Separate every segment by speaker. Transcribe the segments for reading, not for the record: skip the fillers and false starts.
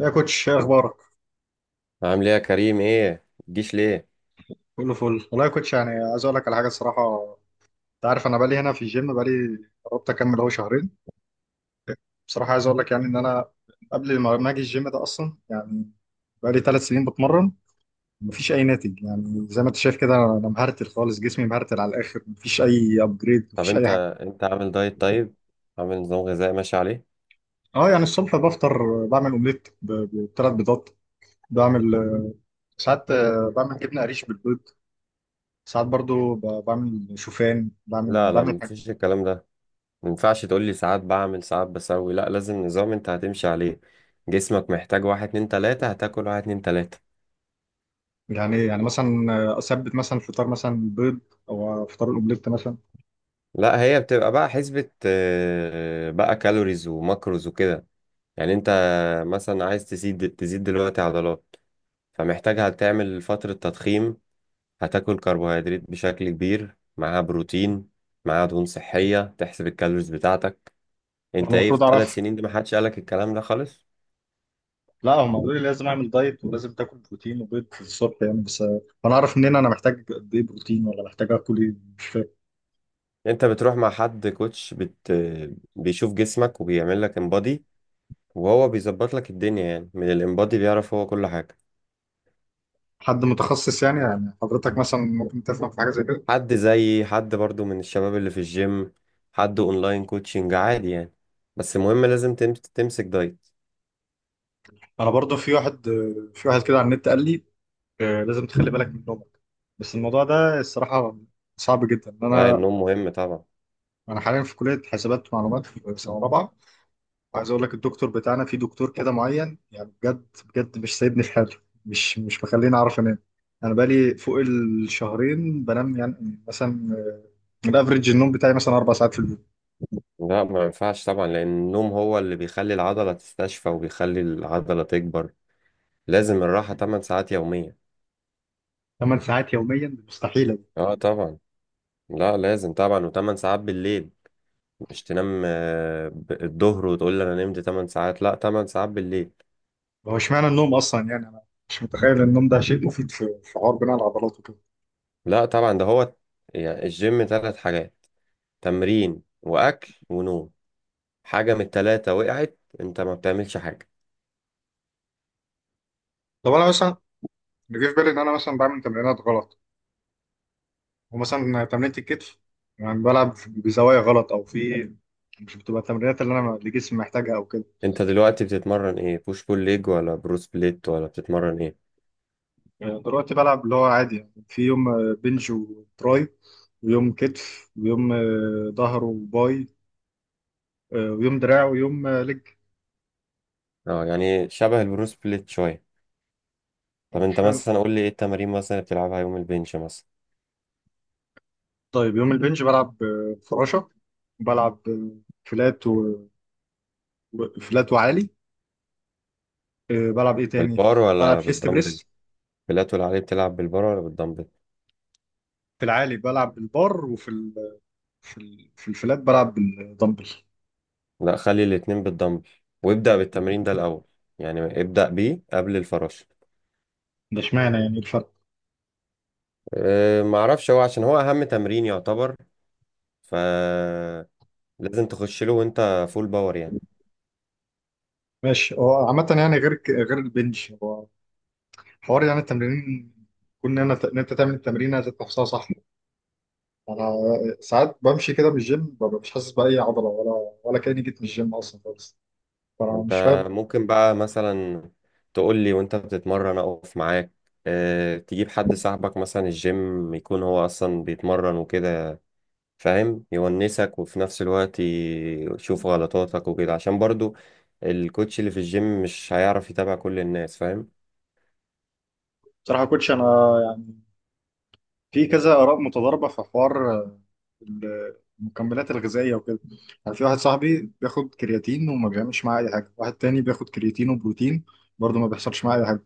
Speaker 1: يا كوتش، ايه اخبارك؟
Speaker 2: عامل ايه يا كريم، ايه متجيش ليه؟
Speaker 1: كله فل والله يا كوتش، يعني عايز اقول لك على حاجه الصراحه. انت عارف انا بقالي هنا في الجيم، بقالي قربت اكمل اهو شهرين. بصراحه عايز اقول لك يعني ان انا قبل ما اجي الجيم ده اصلا، يعني بقالي 3 سنين بتمرن. مفيش اي ناتج، يعني زي ما انت شايف كده انا مهرتل خالص، جسمي مهرتل على الاخر، مفيش اي ابجريد،
Speaker 2: طب
Speaker 1: مفيش اي
Speaker 2: انت
Speaker 1: حاجه.
Speaker 2: انت عامل دايت؟ طيب، عامل نظام غذائي ماشي عليه.
Speaker 1: اه، يعني الصبح بفطر بعمل اومليت ب3 بيضات. بعمل ساعات بعمل جبنه قريش بالبيض. ساعات برضو بعمل شوفان بعمل
Speaker 2: لا لا،
Speaker 1: بعمل
Speaker 2: مفيش الكلام ده. مينفعش تقول لي ساعات بعمل ساعات بسوي، لا لازم نظام انت هتمشي عليه. جسمك محتاج واحد اتنين تلاتة هتاكل واحد اتنين تلاتة.
Speaker 1: يعني إيه؟ يعني مثلا اثبت مثلا فطار مثلا بيض، او فطار الاومليت مثلا.
Speaker 2: لا، هي بتبقى بقى حسبة بقى كالوريز وماكروز وكده. يعني انت مثلا عايز تزيد دلوقتي عضلات، فمحتاج هتعمل فترة تضخيم. هتاكل كربوهيدرات بشكل كبير، معاها بروتين، معاها دهون صحية، تحسب الكالوريز بتاعتك. انت
Speaker 1: وانا
Speaker 2: ايه في
Speaker 1: المفروض
Speaker 2: الثلاث
Speaker 1: اعرف؟
Speaker 2: سنين دي ما حدش قالك الكلام ده خالص؟
Speaker 1: لا، هم قالوا لي لازم اعمل دايت ولازم تاكل بروتين وبيض في الصبح يعني، بس انا اعرف منين انا محتاج قد ايه بروتين، ولا محتاج اكل ايه؟ مش فاهم.
Speaker 2: انت بتروح مع حد كوتش. بيشوف جسمك وبيعمل لك امبادي، وهو بيظبط لك الدنيا، يعني من الامبادي بيعرف هو كل حاجة.
Speaker 1: حد متخصص، يعني حضرتك مثلا ممكن تفهم في حاجه زي كده؟
Speaker 2: حد زيي، حد برضو من الشباب اللي في الجيم، حد اونلاين كوتشنج عادي يعني. بس المهم لازم تمسك دايت.
Speaker 1: انا برضو في واحد كده على النت قال لي لازم تخلي بالك من نومك، بس الموضوع ده الصراحه صعب جدا
Speaker 2: ده
Speaker 1: انا.
Speaker 2: النوم مهم طبعا.
Speaker 1: انا حاليا في كليه حسابات ومعلومات في سنه رابعه. عايز اقول لك الدكتور بتاعنا، في دكتور كده معين يعني بجد بجد مش سايبني في حالي، مش مخليني اعرف انام. انا بقالي فوق الشهرين بنام يعني مثلا الافريج النوم بتاعي مثلا 4 ساعات في اليوم.
Speaker 2: لا، ما ينفعش طبعا، لأن النوم هو اللي بيخلي العضلة تستشفى وبيخلي العضلة تكبر. لازم الراحة 8 ساعات يومية.
Speaker 1: 8 ساعات يوميا دي مستحيله.
Speaker 2: اه طبعا، لا لازم طبعا، و8 ساعات بالليل. مش تنام الظهر وتقول لي أنا نمت 8 ساعات، لا 8 ساعات بالليل.
Speaker 1: هو اشمعنى النوم اصلا؟ يعني انا مش متخيل ان النوم ده شيء مفيد في حوار بناء العضلات وكده.
Speaker 2: لا طبعا، ده هو، يعني الجيم 3 حاجات: تمرين وأكل ونوم. حاجة من التلاتة وقعت أنت ما بتعملش حاجة.
Speaker 1: طب انا مثلا، اللي جه في بالي ان انا مثلا بعمل تمرينات غلط. ومثلا تمرينه الكتف يعني بلعب بزوايا غلط، او في، مش بتبقى التمرينات اللي جسمي محتاجها او كده.
Speaker 2: أنت دلوقتي بتتمرن إيه، بوش بول ليج ولا بروس بليت ولا بتتمرن إيه؟
Speaker 1: يعني دلوقتي بلعب اللي هو عادي، يعني في يوم بنج وتراي، ويوم كتف، ويوم ظهر وباي، ويوم دراع، ويوم لج.
Speaker 2: اه، يعني شبه البروس بليت شوية. طب
Speaker 1: يعني مش
Speaker 2: انت
Speaker 1: فاهم.
Speaker 2: مثلا قول لي ايه التمارين مثلا اللي بتلعبها يوم البنش مثلا؟
Speaker 1: طيب يوم البنج بلعب فراشة. بلعب فلات وفلات وعالي. بلعب ايه تاني؟
Speaker 2: بالبار
Speaker 1: بلعب
Speaker 2: ولا
Speaker 1: شيست
Speaker 2: بالدمبل؟
Speaker 1: بريس.
Speaker 2: بلاتول عليه، بتلعب بالبار ولا بالدمبل؟
Speaker 1: في العالي بلعب بالبار، وفي في الفلات بلعب بالدمبل.
Speaker 2: لا، خلي الاتنين بالدمبل، وابدأ بالتمرين ده الأول، يعني ابدأ بيه قبل الفراشة.
Speaker 1: ده اشمعنى يعني الفرق؟
Speaker 2: اه معرفش، هو عشان هو أهم تمرين يعتبر، فلازم تخش له وانت فول باور يعني.
Speaker 1: ماشي. هو عامة يعني غير غير البنج، حوار يعني التمرين، كون ان إن انت تعمل التمرين ذات نفسها صح. انا ساعات بمشي كده بالجيم ببقى مش حاسس باي عضله، ولا كاني جيت من الجيم اصلا خالص.
Speaker 2: ما
Speaker 1: فانا مش
Speaker 2: انت
Speaker 1: فاهم.
Speaker 2: ممكن بقى مثلا تقول لي وانت بتتمرن اقف معاك. اه، تجيب حد صاحبك مثلا الجيم، يكون هو اصلا بيتمرن وكده، فاهم، يونسك وفي نفس الوقت يشوف غلطاتك وكده، عشان برضو الكوتش اللي في الجيم مش هيعرف يتابع كل الناس، فاهم.
Speaker 1: بصراحه يا كوتش انا، يعني في كذا اراء متضاربه في حوار المكملات الغذائيه وكده. يعني في واحد صاحبي بياخد كرياتين وما بيعملش معاه اي حاجه، واحد تاني بياخد كرياتين وبروتين برضه ما بيحصلش معاه اي حاجه.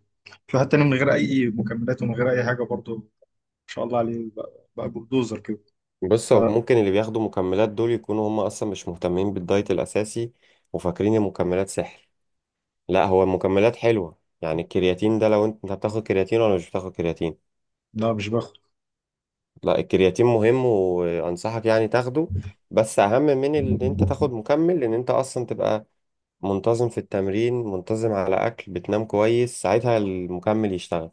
Speaker 1: في واحد تاني من غير اي مكملات ومن غير اي حاجه برضه ما شاء الله عليه، بقى بلدوزر كده.
Speaker 2: بص،
Speaker 1: ف
Speaker 2: هو ممكن اللي بياخدوا مكملات دول يكونوا هم اصلا مش مهتمين بالدايت الاساسي، وفاكرين المكملات سحر. لا، هو المكملات حلوة، يعني الكرياتين ده، لو انت بتاخد كرياتين ولا مش بتاخد كرياتين؟
Speaker 1: لا، مش باخد.
Speaker 2: لا، الكرياتين مهم وانصحك يعني تاخده. بس اهم من ان انت تاخد مكمل ان انت اصلا تبقى منتظم في التمرين، منتظم على أكل، بتنام كويس، ساعتها المكمل يشتغل.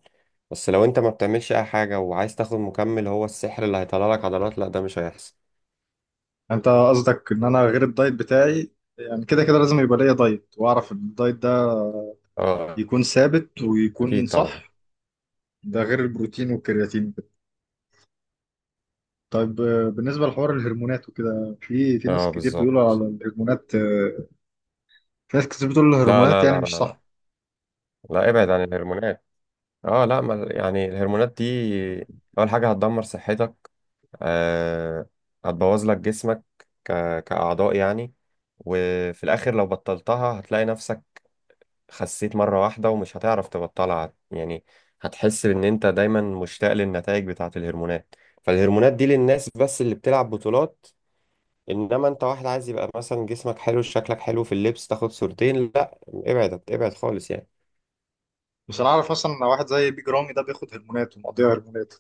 Speaker 2: بس لو أنت ما بتعملش أي حاجة وعايز تاخد مكمل هو السحر اللي هيطلع لك عضلات، لا ده مش هيحصل.
Speaker 1: انت قصدك ان انا غير الدايت بتاعي يعني كده كده لازم يبقى ليا دايت، واعرف ان الدايت ده
Speaker 2: اه
Speaker 1: يكون ثابت ويكون
Speaker 2: اكيد طبعا.
Speaker 1: صح. ده غير البروتين والكرياتين وكده. طيب بالنسبه لحوار الهرمونات وكده، في ناس
Speaker 2: اه
Speaker 1: كتير بيقولوا
Speaker 2: بالظبط.
Speaker 1: على الهرمونات، في ناس كتير بتقول
Speaker 2: لا
Speaker 1: الهرمونات
Speaker 2: لا
Speaker 1: يعني
Speaker 2: لا لا
Speaker 1: مش
Speaker 2: لا،
Speaker 1: صح.
Speaker 2: لا، ابعد عن الهرمونات. اه لا، ما يعني الهرمونات دي اول حاجه هتدمر صحتك، آه، هتبوظ لك جسمك ك... كاعضاء يعني، وفي الاخر لو بطلتها هتلاقي نفسك خسيت مرة واحدة ومش هتعرف تبطلها يعني. هتحس إن أنت دايما مشتاق للنتائج بتاعة الهرمونات. فالهرمونات دي للناس بس اللي بتلعب بطولات، إنما أنت واحد عايز يبقى مثلا جسمك حلو، شكلك حلو في اللبس، تاخد صورتين، لا ابعد ابعد خالص يعني.
Speaker 1: بس انا اعرف اصلا ان واحد زي بيج رامي ده بياخد هرمونات ومقضيها هرمونات.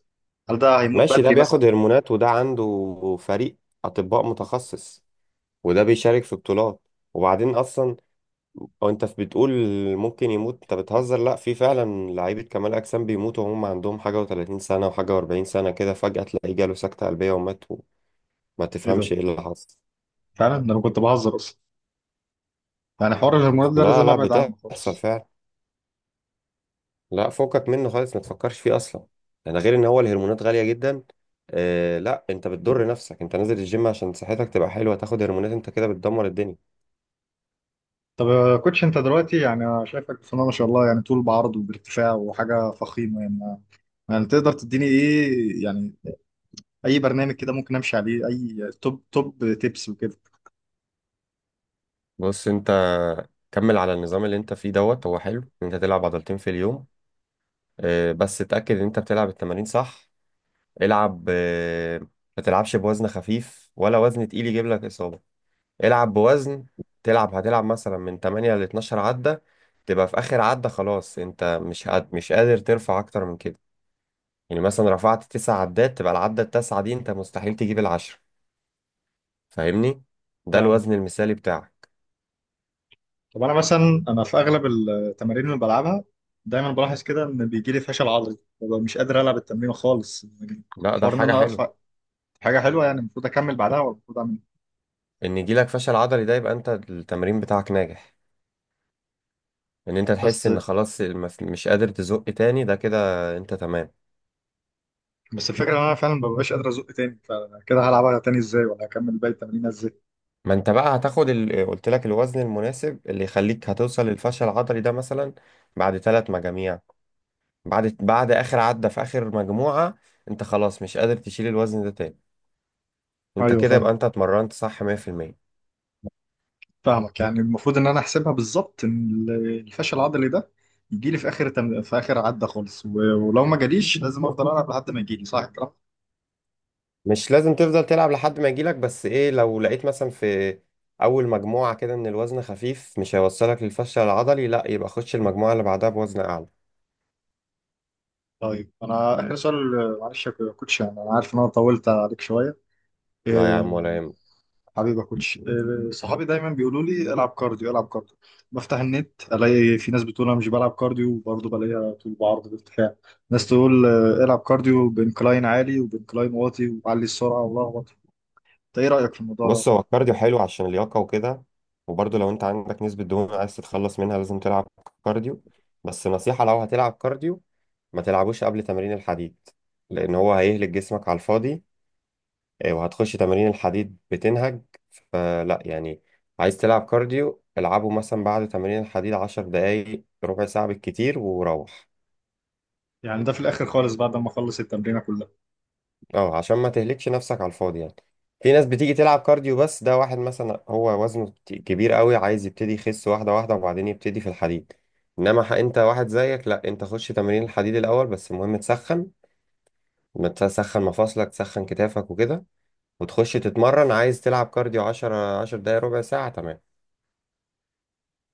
Speaker 1: هل ده هيموت
Speaker 2: ماشي، ده
Speaker 1: بدري مثلا؟
Speaker 2: بياخد هرمونات وده عنده فريق أطباء متخصص، وده بيشارك في بطولات. وبعدين أصلا، او انت بتقول ممكن يموت، انت بتهزر؟ لا، في فعلا لعيبه كمال اجسام بيموتوا وهم عندهم حاجه و30 سنه وحاجه و40 سنه، كده فجاه تلاقيه جاله سكته قلبيه ومات وما
Speaker 1: ايه ده؟
Speaker 2: تفهمش ايه اللي حصل.
Speaker 1: فعلا، ده انا كنت بهزر اصلا. يعني حوار الهرمونات ده
Speaker 2: لا
Speaker 1: لازم
Speaker 2: لا،
Speaker 1: ابعد عنه
Speaker 2: بتحصل
Speaker 1: خالص.
Speaker 2: فعلا. لا فوقك منه خالص، ما تفكرش فيه اصلا. يعني غير ان هو الهرمونات غاليه جدا، آه، لا انت بتضر نفسك، انت نازل الجيم عشان صحتك تبقى حلوه، تاخد هرمونات انت كده بتدمر الدنيا.
Speaker 1: طب يا كوتش، انت دلوقتي يعني انا شايفك بسم ما شاء الله، يعني طول بعرض وبارتفاع وحاجه فخيمه يعني. يعني تقدر تديني ايه يعني؟ اي برنامج كده ممكن امشي عليه، اي توب تيبس وكده.
Speaker 2: بص انت كمل على النظام اللي انت فيه دوت، هو حلو ان انت تلعب عضلتين في اليوم، بس اتأكد ان انت بتلعب التمارين صح. العب، ما تلعبش بوزن خفيف ولا وزن تقيل يجيب لك إصابة. العب بوزن تلعب، هتلعب مثلا من 8 ل 12 عدة، تبقى في آخر عدة خلاص أنت مش قادر ترفع أكتر من كده. يعني مثلا رفعت 9 عدات تبقى العدة التاسعة دي أنت مستحيل تجيب العشرة، فاهمني؟ ده
Speaker 1: فاهم.
Speaker 2: الوزن المثالي بتاعك.
Speaker 1: طب انا مثلا، انا في اغلب التمارين اللي بلعبها دايما بلاحظ كده ان بيجي لي فشل عضلي، ببقى مش قادر العب التمرين خالص يعني.
Speaker 2: لا ده
Speaker 1: حوار ان
Speaker 2: حاجة
Speaker 1: انا
Speaker 2: حلوة.
Speaker 1: ارفع، حاجه حلوه، يعني المفروض اكمل بعدها ولا المفروض اعمل ايه؟
Speaker 2: إن يجيلك فشل عضلي ده يبقى أنت التمرين بتاعك ناجح. إن أنت تحس
Speaker 1: بس
Speaker 2: إن خلاص مش قادر تزق تاني، ده كده أنت تمام.
Speaker 1: بس الفكره ان انا فعلا ما ببقاش قادر ازق تاني. فكده هلعبها تاني ازاي، ولا هكمل باقي التمرين ازاي؟
Speaker 2: ما انت بقى هتاخد. قلت لك الوزن المناسب اللي يخليك هتوصل للفشل العضلي ده، مثلا بعد 3 مجاميع، بعد اخر عدة في اخر مجموعة انت خلاص مش قادر تشيل الوزن ده تاني، انت
Speaker 1: ايوه،
Speaker 2: كده
Speaker 1: فاهم.
Speaker 2: يبقى انت اتمرنت صح 100%.
Speaker 1: فاهمك، يعني المفروض ان انا احسبها بالظبط ان الفشل العضلي ده يجي لي في في اخر عده خالص ولو ما جاليش لازم افضل العب لحد ما يجي لي صح الكلام.
Speaker 2: مش لازم تفضل تلعب لحد ما يجيلك، بس ايه، لو لقيت مثلا في اول مجموعة كده ان الوزن خفيف مش هيوصلك للفشل العضلي، لا يبقى خش المجموعة اللي بعدها بوزن اعلى.
Speaker 1: طيب انا اخر سؤال معلش يا كوتش، يعني انا عارف ان انا طولت عليك شويه.
Speaker 2: لا يا عم،
Speaker 1: آه،
Speaker 2: ولا يهمك.
Speaker 1: حبيبي يا كوتش، صحابي دايما بيقولوا لي العب كارديو العب كارديو. بفتح النت الاقي في ناس بتقول انا مش بلعب كارديو، وبرضه بلاقيها طول بعرض بارتفاع. ناس تقول العب كارديو بانكلاين عالي وبانكلاين واطي وعلي السرعه والله أكبر. انت ايه رايك في الموضوع ده؟
Speaker 2: بص، هو الكارديو حلو عشان اللياقة وكده، وبرضه لو انت عندك نسبة دهون عايز تتخلص منها لازم تلعب كارديو. بس نصيحة، لو هتلعب كارديو ما تلعبوش قبل تمارين الحديد، لأن هو هيهلك جسمك على الفاضي، وهتخش تمارين الحديد بتنهج، فلا يعني. عايز تلعب كارديو العبه مثلا بعد تمارين الحديد 10 دقايق ربع ساعة بالكتير وروح.
Speaker 1: يعني ده في الاخر خالص بعد ما اخلص التمرينه كلها؟
Speaker 2: اه عشان ما تهلكش نفسك على الفاضي يعني. في ناس بتيجي تلعب كارديو، بس ده واحد مثلا هو وزنه كبير قوي عايز يبتدي يخس واحدة واحدة وبعدين يبتدي في الحديد. انما انت واحد زيك لا، انت خش تمارين الحديد الاول، بس المهم تسخن. ما تسخن مفاصلك، تسخن كتافك وكده وتخش تتمرن. عايز تلعب كارديو 10 دقايق ربع ساعة تمام.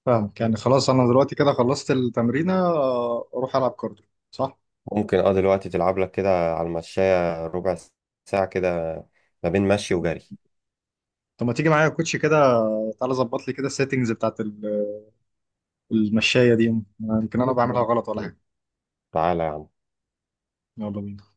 Speaker 1: فاهمك، يعني خلاص انا دلوقتي كده خلصت التمرينه، اروح العب كارديو صح؟
Speaker 2: ممكن اه، دلوقتي تلعب لك كده على المشاية ربع ساعة كده ما بين مشي وجري.
Speaker 1: طب ما تيجي معايا يا كوتش كده، تعالى ظبط لي كده السيتنجز بتاعت المشايه دي، يمكن انا يلا بعملها غلط ولا حاجه.
Speaker 2: تعالى يا عم.
Speaker 1: يلا بينا.